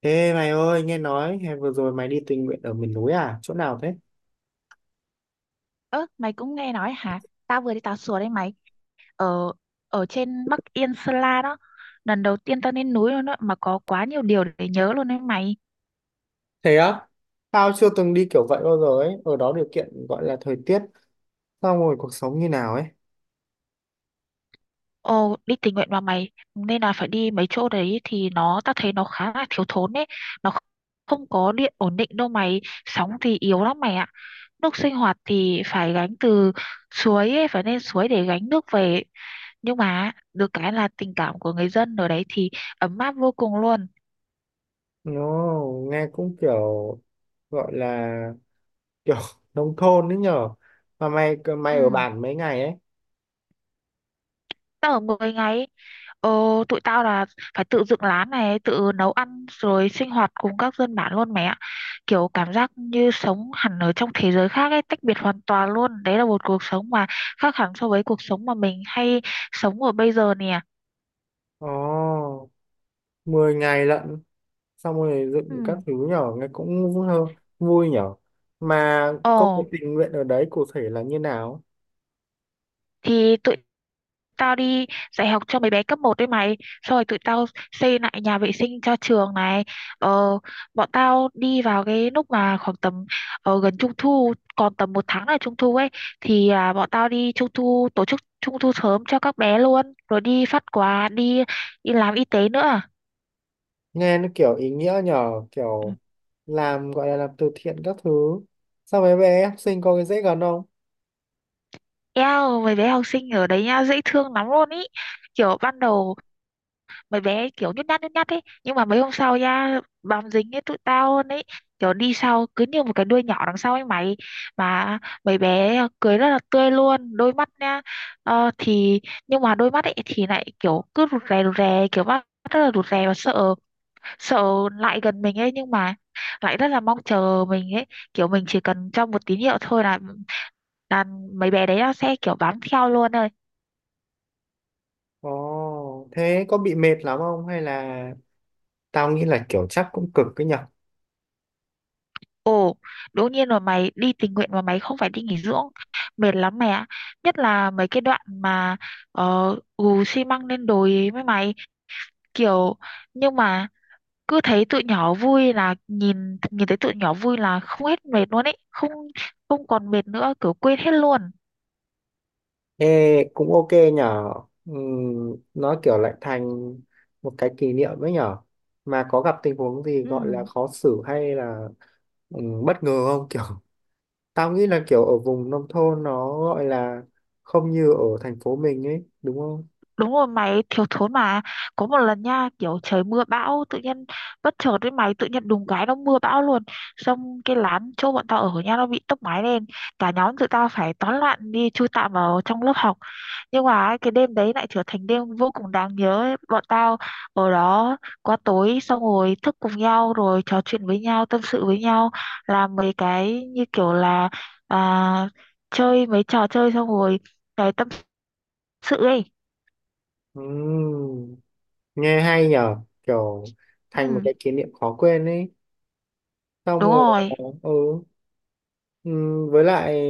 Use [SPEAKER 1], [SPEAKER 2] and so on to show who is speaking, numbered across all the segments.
[SPEAKER 1] Ê mày ơi, nghe nói hè vừa rồi mày đi tình nguyện ở miền núi à? Chỗ nào thế?
[SPEAKER 2] Ơ, mày cũng nghe nói hả? Tao vừa đi tàu sùa đấy mày. Ở ở trên Bắc Yên Sơn La đó. Lần đầu tiên tao lên núi luôn đó, mà có quá nhiều điều để nhớ luôn đấy mày.
[SPEAKER 1] Thế á? Tao chưa từng đi kiểu vậy bao giờ ấy. Ở đó điều kiện gọi là thời tiết, xong rồi cuộc sống như nào ấy.
[SPEAKER 2] Ồ, đi tình nguyện mà mày nên là phải đi mấy chỗ đấy thì nó tao thấy nó khá là thiếu thốn đấy. Nó không có điện ổn định đâu mày, sóng thì yếu lắm mày ạ. Nước sinh hoạt thì phải gánh từ suối ấy, phải lên suối để gánh nước về. Nhưng mà được cái là tình cảm của người dân ở đấy thì ấm áp vô cùng luôn.
[SPEAKER 1] Nó nghe cũng kiểu gọi là kiểu nông thôn đấy nhở. Mà mày
[SPEAKER 2] Ừ,
[SPEAKER 1] mày ở bản mấy ngày ấy?
[SPEAKER 2] tao ở 10 ngày. Ờ, Tụi tao là phải tự dựng lán này, tự nấu ăn rồi sinh hoạt cùng các dân bản luôn mẹ ạ. Kiểu cảm giác như sống hẳn ở trong thế giới khác ấy, tách biệt hoàn toàn luôn. Đấy là một cuộc sống mà khác hẳn so với cuộc sống mà mình hay sống ở bây giờ nè.
[SPEAKER 1] Ồ, 10 ngày lận. Xong rồi dựng các
[SPEAKER 2] Ừ.
[SPEAKER 1] thứ nhở, nghe cũng vui, vui nhở. Mà công việc
[SPEAKER 2] Ồ.
[SPEAKER 1] tình nguyện ở đấy cụ thể là như nào?
[SPEAKER 2] Thì tụi tao đi dạy học cho mấy bé cấp một đấy mày, xong rồi tụi tao xây lại nhà vệ sinh cho trường này. ờ, Bọn tao đi vào cái lúc mà khoảng tầm gần trung thu, còn tầm một tháng là trung thu ấy, thì bọn tao đi trung thu, tổ chức trung thu sớm cho các bé luôn, rồi đi phát quà, đi đi làm y tế nữa.
[SPEAKER 1] Nghe nó kiểu ý nghĩa nhờ,
[SPEAKER 2] Ừ.
[SPEAKER 1] kiểu làm gọi là làm từ thiện các thứ. Sao mấy bé học sinh có cái dễ gần không?
[SPEAKER 2] Eo, mấy bé học sinh ở đấy nha dễ thương lắm luôn ý. Kiểu ban đầu mấy bé kiểu nhút nhát ấy, nhưng mà mấy hôm sau nha bám dính ấy tụi tao luôn ấy, kiểu đi sau cứ như một cái đuôi nhỏ đằng sau ấy mày. Mà mấy bé cười rất là tươi luôn, đôi mắt nha. Thì nhưng mà đôi mắt ấy thì lại kiểu cứ rụt rè rụt rè, kiểu mắt rất là rụt rè và sợ sợ lại gần mình ấy, nhưng mà lại rất là mong chờ mình ấy. Kiểu mình chỉ cần cho một tín hiệu thôi là mấy bé đấy nó sẽ kiểu bám theo luôn thôi.
[SPEAKER 1] Ồ thế có bị mệt lắm không hay là tao nghĩ là kiểu chắc cũng cực cái nhở.
[SPEAKER 2] Ồ, đương nhiên rồi mày, đi tình nguyện mà, mày không phải đi nghỉ dưỡng. Mệt lắm mày ạ. Nhất là mấy cái đoạn mà gù xi măng lên đồi ấy với mày. Kiểu, nhưng mà cứ thấy tụi nhỏ vui là nhìn nhìn thấy tụi nhỏ vui là không hết mệt luôn ấy. Không không còn mệt nữa, kiểu quên hết luôn.
[SPEAKER 1] Ê cũng ok nhở. Nó kiểu lại thành một cái kỷ niệm ấy nhở. Mà có gặp tình huống gì
[SPEAKER 2] Ừ.
[SPEAKER 1] gọi là khó xử hay là bất ngờ không, kiểu tao nghĩ là kiểu ở vùng nông thôn nó gọi là không như ở thành phố mình ấy, đúng không?
[SPEAKER 2] Đúng rồi mày, thiếu thốn mà. Có một lần nha, kiểu trời mưa bão. Tự nhiên bất chợt với mày, tự nhiên đùng cái nó mưa bão luôn. Xong cái lán chỗ bọn tao ở nha, nó bị tốc mái lên. Cả nhóm tụi tao phải tán loạn đi chui tạm vào trong lớp học. Nhưng mà ấy, cái đêm đấy lại trở thành đêm vô cùng đáng nhớ ấy. Bọn tao ở đó qua tối, xong rồi thức cùng nhau, rồi trò chuyện với nhau, tâm sự với nhau. Làm mấy cái như kiểu là à, chơi mấy trò chơi, xong rồi cái tâm sự ấy.
[SPEAKER 1] Ừ. Nghe hay nhờ, kiểu thành một
[SPEAKER 2] Ừ,
[SPEAKER 1] cái kỷ niệm khó quên ấy. Xong
[SPEAKER 2] đúng
[SPEAKER 1] rồi
[SPEAKER 2] rồi.
[SPEAKER 1] ừ, ừ, với lại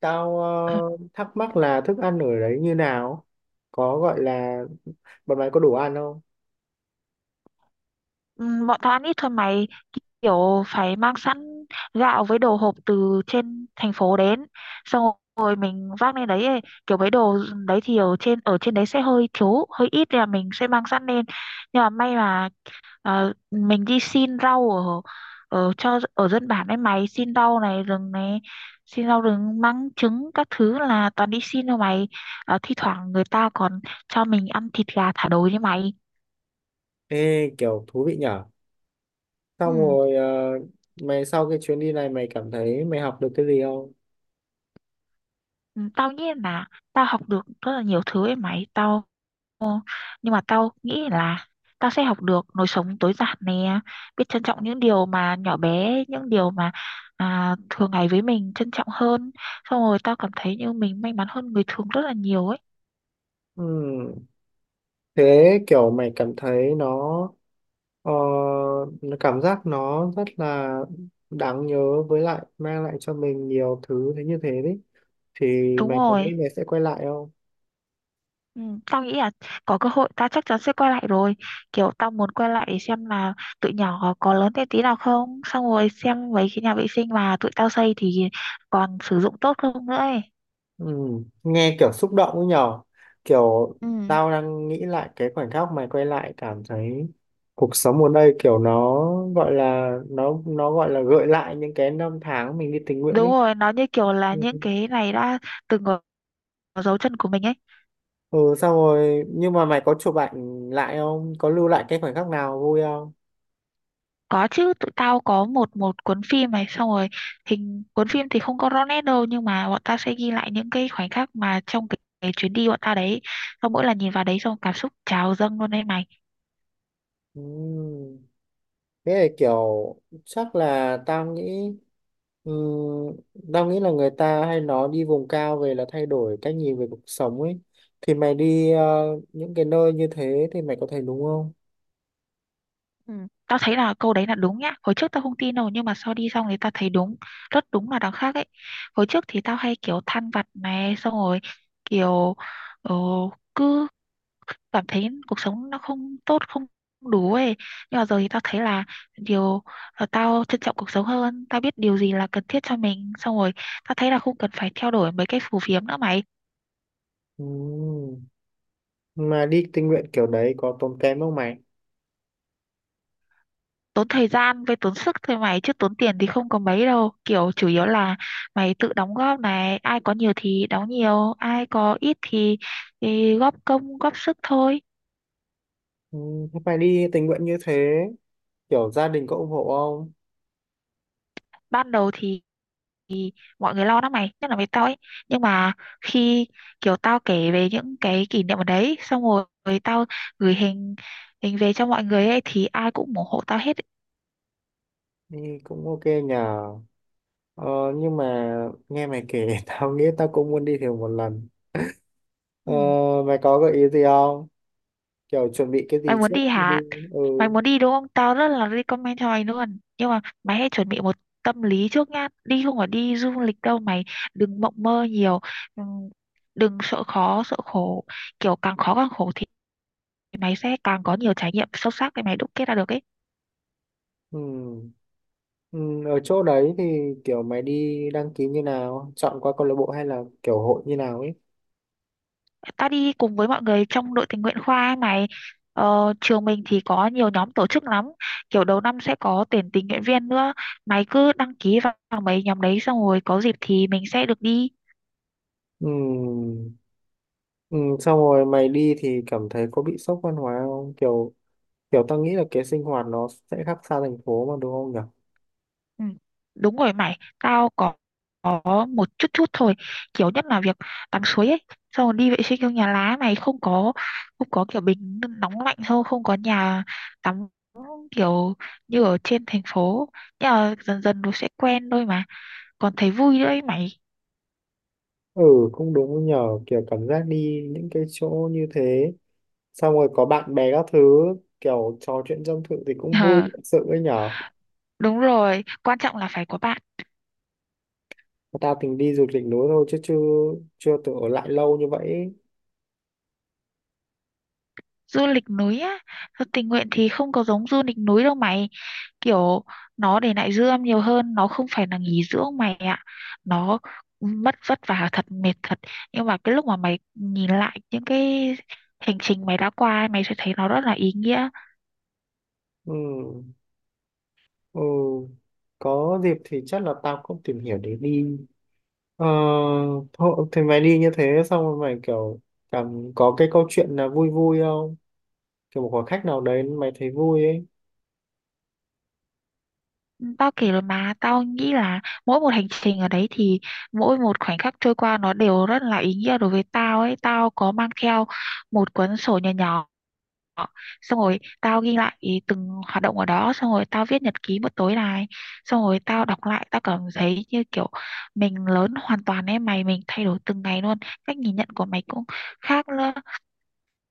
[SPEAKER 1] tao thắc mắc là thức ăn ở đấy như nào, có gọi là bọn mày có đủ ăn không.
[SPEAKER 2] Ừ, bọn tao ăn ít thôi mày, kiểu phải mang sẵn gạo với đồ hộp từ trên thành phố đến, xong rồi mình vác lên đấy ấy. Kiểu mấy đồ đấy thì ở trên đấy sẽ hơi thiếu hơi ít, nên là mình sẽ mang sẵn lên. Nhưng mà may mà mình đi xin rau ở ở cho ở dân bản ấy mày, xin rau này, rừng này, xin rau rừng măng trứng các thứ, là toàn đi xin thôi mày. Thi thoảng người ta còn cho mình ăn thịt gà thả đồi đấy mày.
[SPEAKER 1] Ê kiểu thú vị nhở. Xong
[SPEAKER 2] Ừ.
[SPEAKER 1] rồi mày sau cái chuyến đi này mày cảm thấy mày học được cái gì không?
[SPEAKER 2] Ừ, tao nghĩ là tao học được rất là nhiều thứ ấy mày. Tao nhưng mà tao nghĩ là tao sẽ học được lối sống tối giản nè, biết trân trọng những điều mà nhỏ bé, những điều mà thường ngày với mình trân trọng hơn. Xong rồi tao cảm thấy như mình may mắn hơn người thường rất là nhiều ấy.
[SPEAKER 1] Ừ, thế kiểu mày cảm thấy Ờ, nó cảm giác nó rất là đáng nhớ, với lại mang lại cho mình nhiều thứ thế, như thế đấy thì
[SPEAKER 2] Đúng
[SPEAKER 1] mày có nghĩ
[SPEAKER 2] rồi.
[SPEAKER 1] mày sẽ quay lại không?
[SPEAKER 2] Ừ, tao nghĩ là có cơ hội tao chắc chắn sẽ quay lại rồi. Kiểu tao muốn quay lại để xem là tụi nhỏ có lớn thêm tí nào không, xong rồi xem mấy cái nhà vệ sinh mà tụi tao xây thì còn sử dụng tốt không nữa ấy.
[SPEAKER 1] Ừ, nghe kiểu xúc động ấy nhở, kiểu
[SPEAKER 2] Ừ.
[SPEAKER 1] tao đang nghĩ lại cái khoảnh khắc mày quay lại, cảm thấy cuộc sống ở đây kiểu nó gọi là nó gọi là gợi lại những cái năm tháng mình đi tình nguyện
[SPEAKER 2] Đúng
[SPEAKER 1] ấy.
[SPEAKER 2] rồi, nó như kiểu là
[SPEAKER 1] Ừ.
[SPEAKER 2] những cái này đã từng ở ở dấu chân của mình ấy.
[SPEAKER 1] Ừ, xong rồi nhưng mà mày có chụp ảnh lại không, có lưu lại cái khoảnh khắc nào vui không?
[SPEAKER 2] Có chứ, tụi tao có một một cuốn phim này, xong rồi hình cuốn phim thì không có rõ nét đâu, nhưng mà bọn tao sẽ ghi lại những cái khoảnh khắc mà trong cái chuyến đi bọn tao đấy. Xong mỗi lần nhìn vào đấy xong cảm xúc trào dâng luôn đấy mày.
[SPEAKER 1] Ừ. Thế là kiểu chắc là tao nghĩ, ừm, tao nghĩ là người ta hay nói đi vùng cao về là thay đổi cách nhìn về cuộc sống ấy. Thì mày đi những cái nơi như thế thì mày có thấy đúng không?
[SPEAKER 2] Ừ. Tao thấy là câu đấy là đúng nhá. Hồi trước tao không tin đâu, nhưng mà sau đi xong thì tao thấy đúng, rất đúng là đằng khác ấy. Hồi trước thì tao hay kiểu than vặt này, xong rồi kiểu ờ, cứ cảm thấy cuộc sống nó không tốt, không đủ ấy. Nhưng mà giờ thì tao thấy là điều là tao trân trọng cuộc sống hơn, tao biết điều gì là cần thiết cho mình. Xong rồi tao thấy là không cần phải theo đuổi mấy cái phù phiếm nữa mày.
[SPEAKER 1] Ừm, Mà đi tình nguyện kiểu đấy có tốn kém không mày?
[SPEAKER 2] Tốn thời gian với tốn sức thôi mày, chứ tốn tiền thì không có mấy đâu, kiểu chủ yếu là mày tự đóng góp này, ai có nhiều thì đóng nhiều, ai có ít thì, góp công góp sức thôi.
[SPEAKER 1] Thế mày đi tình nguyện như thế kiểu gia đình có ủng hộ không?
[SPEAKER 2] Ban đầu thì mọi người lo lắm mày, nhất là với tao ấy, nhưng mà khi kiểu tao kể về những cái kỷ niệm ở đấy, xong rồi tao gửi hình hình về cho mọi người ấy thì ai cũng ủng hộ tao hết.
[SPEAKER 1] Đi cũng ok nhờ. Ờ, nhưng mà nghe mày kể tao nghĩ tao cũng muốn đi thử một lần. Ờ,
[SPEAKER 2] Ừ.
[SPEAKER 1] Mày có gợi ý gì không, kiểu chuẩn bị cái
[SPEAKER 2] Mày
[SPEAKER 1] gì
[SPEAKER 2] muốn
[SPEAKER 1] trước
[SPEAKER 2] đi
[SPEAKER 1] khi đi?
[SPEAKER 2] hả?
[SPEAKER 1] Ừ,
[SPEAKER 2] Mày muốn đi đúng không, tao rất là recommend cho mày luôn, nhưng mà mày hãy chuẩn bị một tâm lý trước nhá, đi không phải đi du lịch đâu mày, đừng mộng mơ nhiều. Ừm, Đừng sợ khó sợ khổ, kiểu càng khó càng khổ thì mày sẽ càng có nhiều trải nghiệm sâu sắc để mày đúc kết ra được ấy.
[SPEAKER 1] ừ, ừ. Ở chỗ đấy thì kiểu mày đi đăng ký như nào, chọn qua câu lạc bộ hay là kiểu hội như nào ấy?
[SPEAKER 2] Ta đi cùng với mọi người trong đội tình nguyện khoa ấy mày. Trường mình thì có nhiều nhóm tổ chức lắm, kiểu đầu năm sẽ có tuyển tình nguyện viên nữa. Mày cứ đăng ký vào vào mấy nhóm đấy, xong rồi có dịp thì mình sẽ được đi.
[SPEAKER 1] Ừ. Ừ. Xong rồi mày đi thì cảm thấy có bị sốc văn hóa không, kiểu kiểu tao nghĩ là cái sinh hoạt nó sẽ khác xa thành phố mà đúng không nhở?
[SPEAKER 2] Ừ, đúng rồi mày. Tao có một chút chút thôi, kiểu nhất là việc tắm suối ấy, xong rồi đi vệ sinh trong nhà lá mày, không có kiểu bình nóng lạnh, không không có nhà tắm kiểu như ở trên thành phố. Nhưng mà dần dần nó sẽ quen thôi mà, còn thấy vui nữa ấy mày.
[SPEAKER 1] Ừ, cũng đúng nhở, kiểu cảm giác đi những cái chỗ như thế xong rồi có bạn bè các thứ, kiểu trò chuyện tâm sự thì cũng vui
[SPEAKER 2] Hả?
[SPEAKER 1] thật sự ấy nhở.
[SPEAKER 2] Đúng rồi, quan trọng là phải có bạn.
[SPEAKER 1] Tao tính đi du lịch núi thôi chứ chưa chưa tự ở lại lâu như vậy.
[SPEAKER 2] Du lịch núi á? Thật, tình nguyện thì không có giống du lịch núi đâu mày. Kiểu nó để lại dư âm nhiều hơn, nó không phải là nghỉ dưỡng mày ạ. Nó mất vất vả thật, mệt thật. Nhưng mà cái lúc mà mày nhìn lại những cái hành trình mày đã qua, mày sẽ thấy nó rất là ý nghĩa.
[SPEAKER 1] Ừ. Ừ. Có dịp thì chắc là tao cũng tìm hiểu để đi. ờ, Thôi thì mày đi như thế xong rồi mày kiểu cảm có cái câu chuyện là vui vui không, kiểu một khoảng khách nào đấy mày thấy vui ấy.
[SPEAKER 2] Tao kể rồi mà, tao nghĩ là mỗi một hành trình ở đấy thì mỗi một khoảnh khắc trôi qua nó đều rất là ý nghĩa đối với tao ấy. Tao có mang theo một cuốn sổ nhỏ nhỏ, xong rồi tao ghi lại ý từng hoạt động ở đó, xong rồi tao viết nhật ký một tối này, xong rồi tao đọc lại tao cảm thấy như kiểu mình lớn hoàn toàn em mày, mình thay đổi từng ngày luôn. Cách nhìn nhận của mày cũng khác nữa.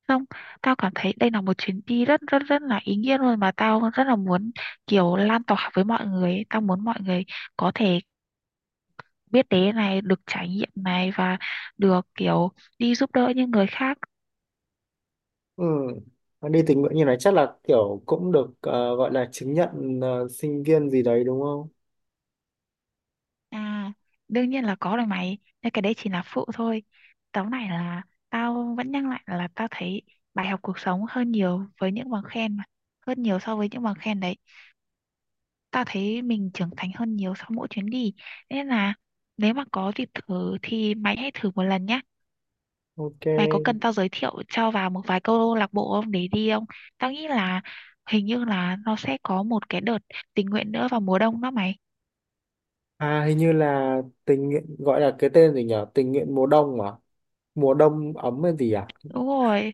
[SPEAKER 2] Xong tao cảm thấy đây là một chuyến đi rất rất rất là ý nghĩa luôn, mà tao rất là muốn kiểu lan tỏa với mọi người ấy. Tao muốn mọi người có thể biết đến này, được trải nghiệm này và được kiểu đi giúp đỡ những người khác.
[SPEAKER 1] Ừ. Mà đi tình nguyện như này chắc là kiểu cũng được gọi là chứng nhận sinh viên gì đấy đúng không?
[SPEAKER 2] À, đương nhiên là có rồi mày. Nhưng cái đấy chỉ là phụ thôi. Tấu này là tao vẫn nhắc lại là tao thấy bài học cuộc sống hơn nhiều với những bằng khen mà. Hơn nhiều so với những bằng khen đấy. Tao thấy mình trưởng thành hơn nhiều sau mỗi chuyến đi. Nên là nếu mà có dịp thử thì mày hãy thử một lần nhé.
[SPEAKER 1] Ok.
[SPEAKER 2] Mày có cần tao giới thiệu cho vào một vài câu lạc bộ không, để đi không? Tao nghĩ là hình như là nó sẽ có một cái đợt tình nguyện nữa vào mùa đông đó mày.
[SPEAKER 1] À hình như là tình nguyện gọi là cái tên gì nhở, tình nguyện mùa đông à, mùa đông ấm hay gì à,
[SPEAKER 2] Đúng rồi.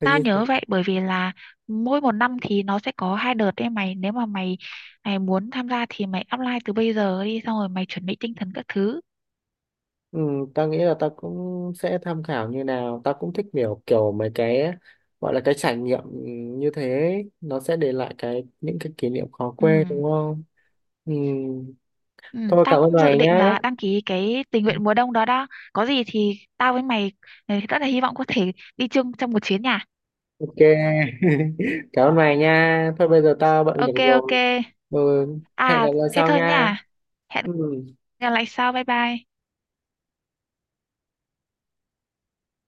[SPEAKER 1] hình
[SPEAKER 2] Tao
[SPEAKER 1] như.
[SPEAKER 2] nhớ vậy bởi vì là mỗi một năm thì nó sẽ có hai đợt đấy mày, nếu mà mày mày muốn tham gia thì mày apply từ bây giờ đi, xong rồi mày chuẩn bị tinh thần các thứ.
[SPEAKER 1] Ừ, ta nghĩ là ta cũng sẽ tham khảo như nào, ta cũng thích kiểu kiểu mấy cái gọi là cái trải nghiệm như thế, nó sẽ để lại cái những cái kỷ niệm khó
[SPEAKER 2] Ừ.
[SPEAKER 1] quên đúng không? Ừ.
[SPEAKER 2] Ừ,
[SPEAKER 1] Thôi
[SPEAKER 2] tao
[SPEAKER 1] cảm ơn
[SPEAKER 2] cũng dự
[SPEAKER 1] mày
[SPEAKER 2] định
[SPEAKER 1] nhá.
[SPEAKER 2] là đăng ký cái tình nguyện mùa đông đó đó. Có gì thì tao với mày, ừ, rất là hy vọng có thể đi chung trong một chuyến nhà.
[SPEAKER 1] Ok. Cảm ơn mày nha, thôi bây giờ tao bận việc
[SPEAKER 2] Ok ok.
[SPEAKER 1] rồi. Ừ. Hẹn gặp
[SPEAKER 2] À,
[SPEAKER 1] lại
[SPEAKER 2] thế
[SPEAKER 1] sau
[SPEAKER 2] thôi
[SPEAKER 1] nha.
[SPEAKER 2] nha, hẹn
[SPEAKER 1] Ừ.
[SPEAKER 2] gặp lại sau. Bye bye.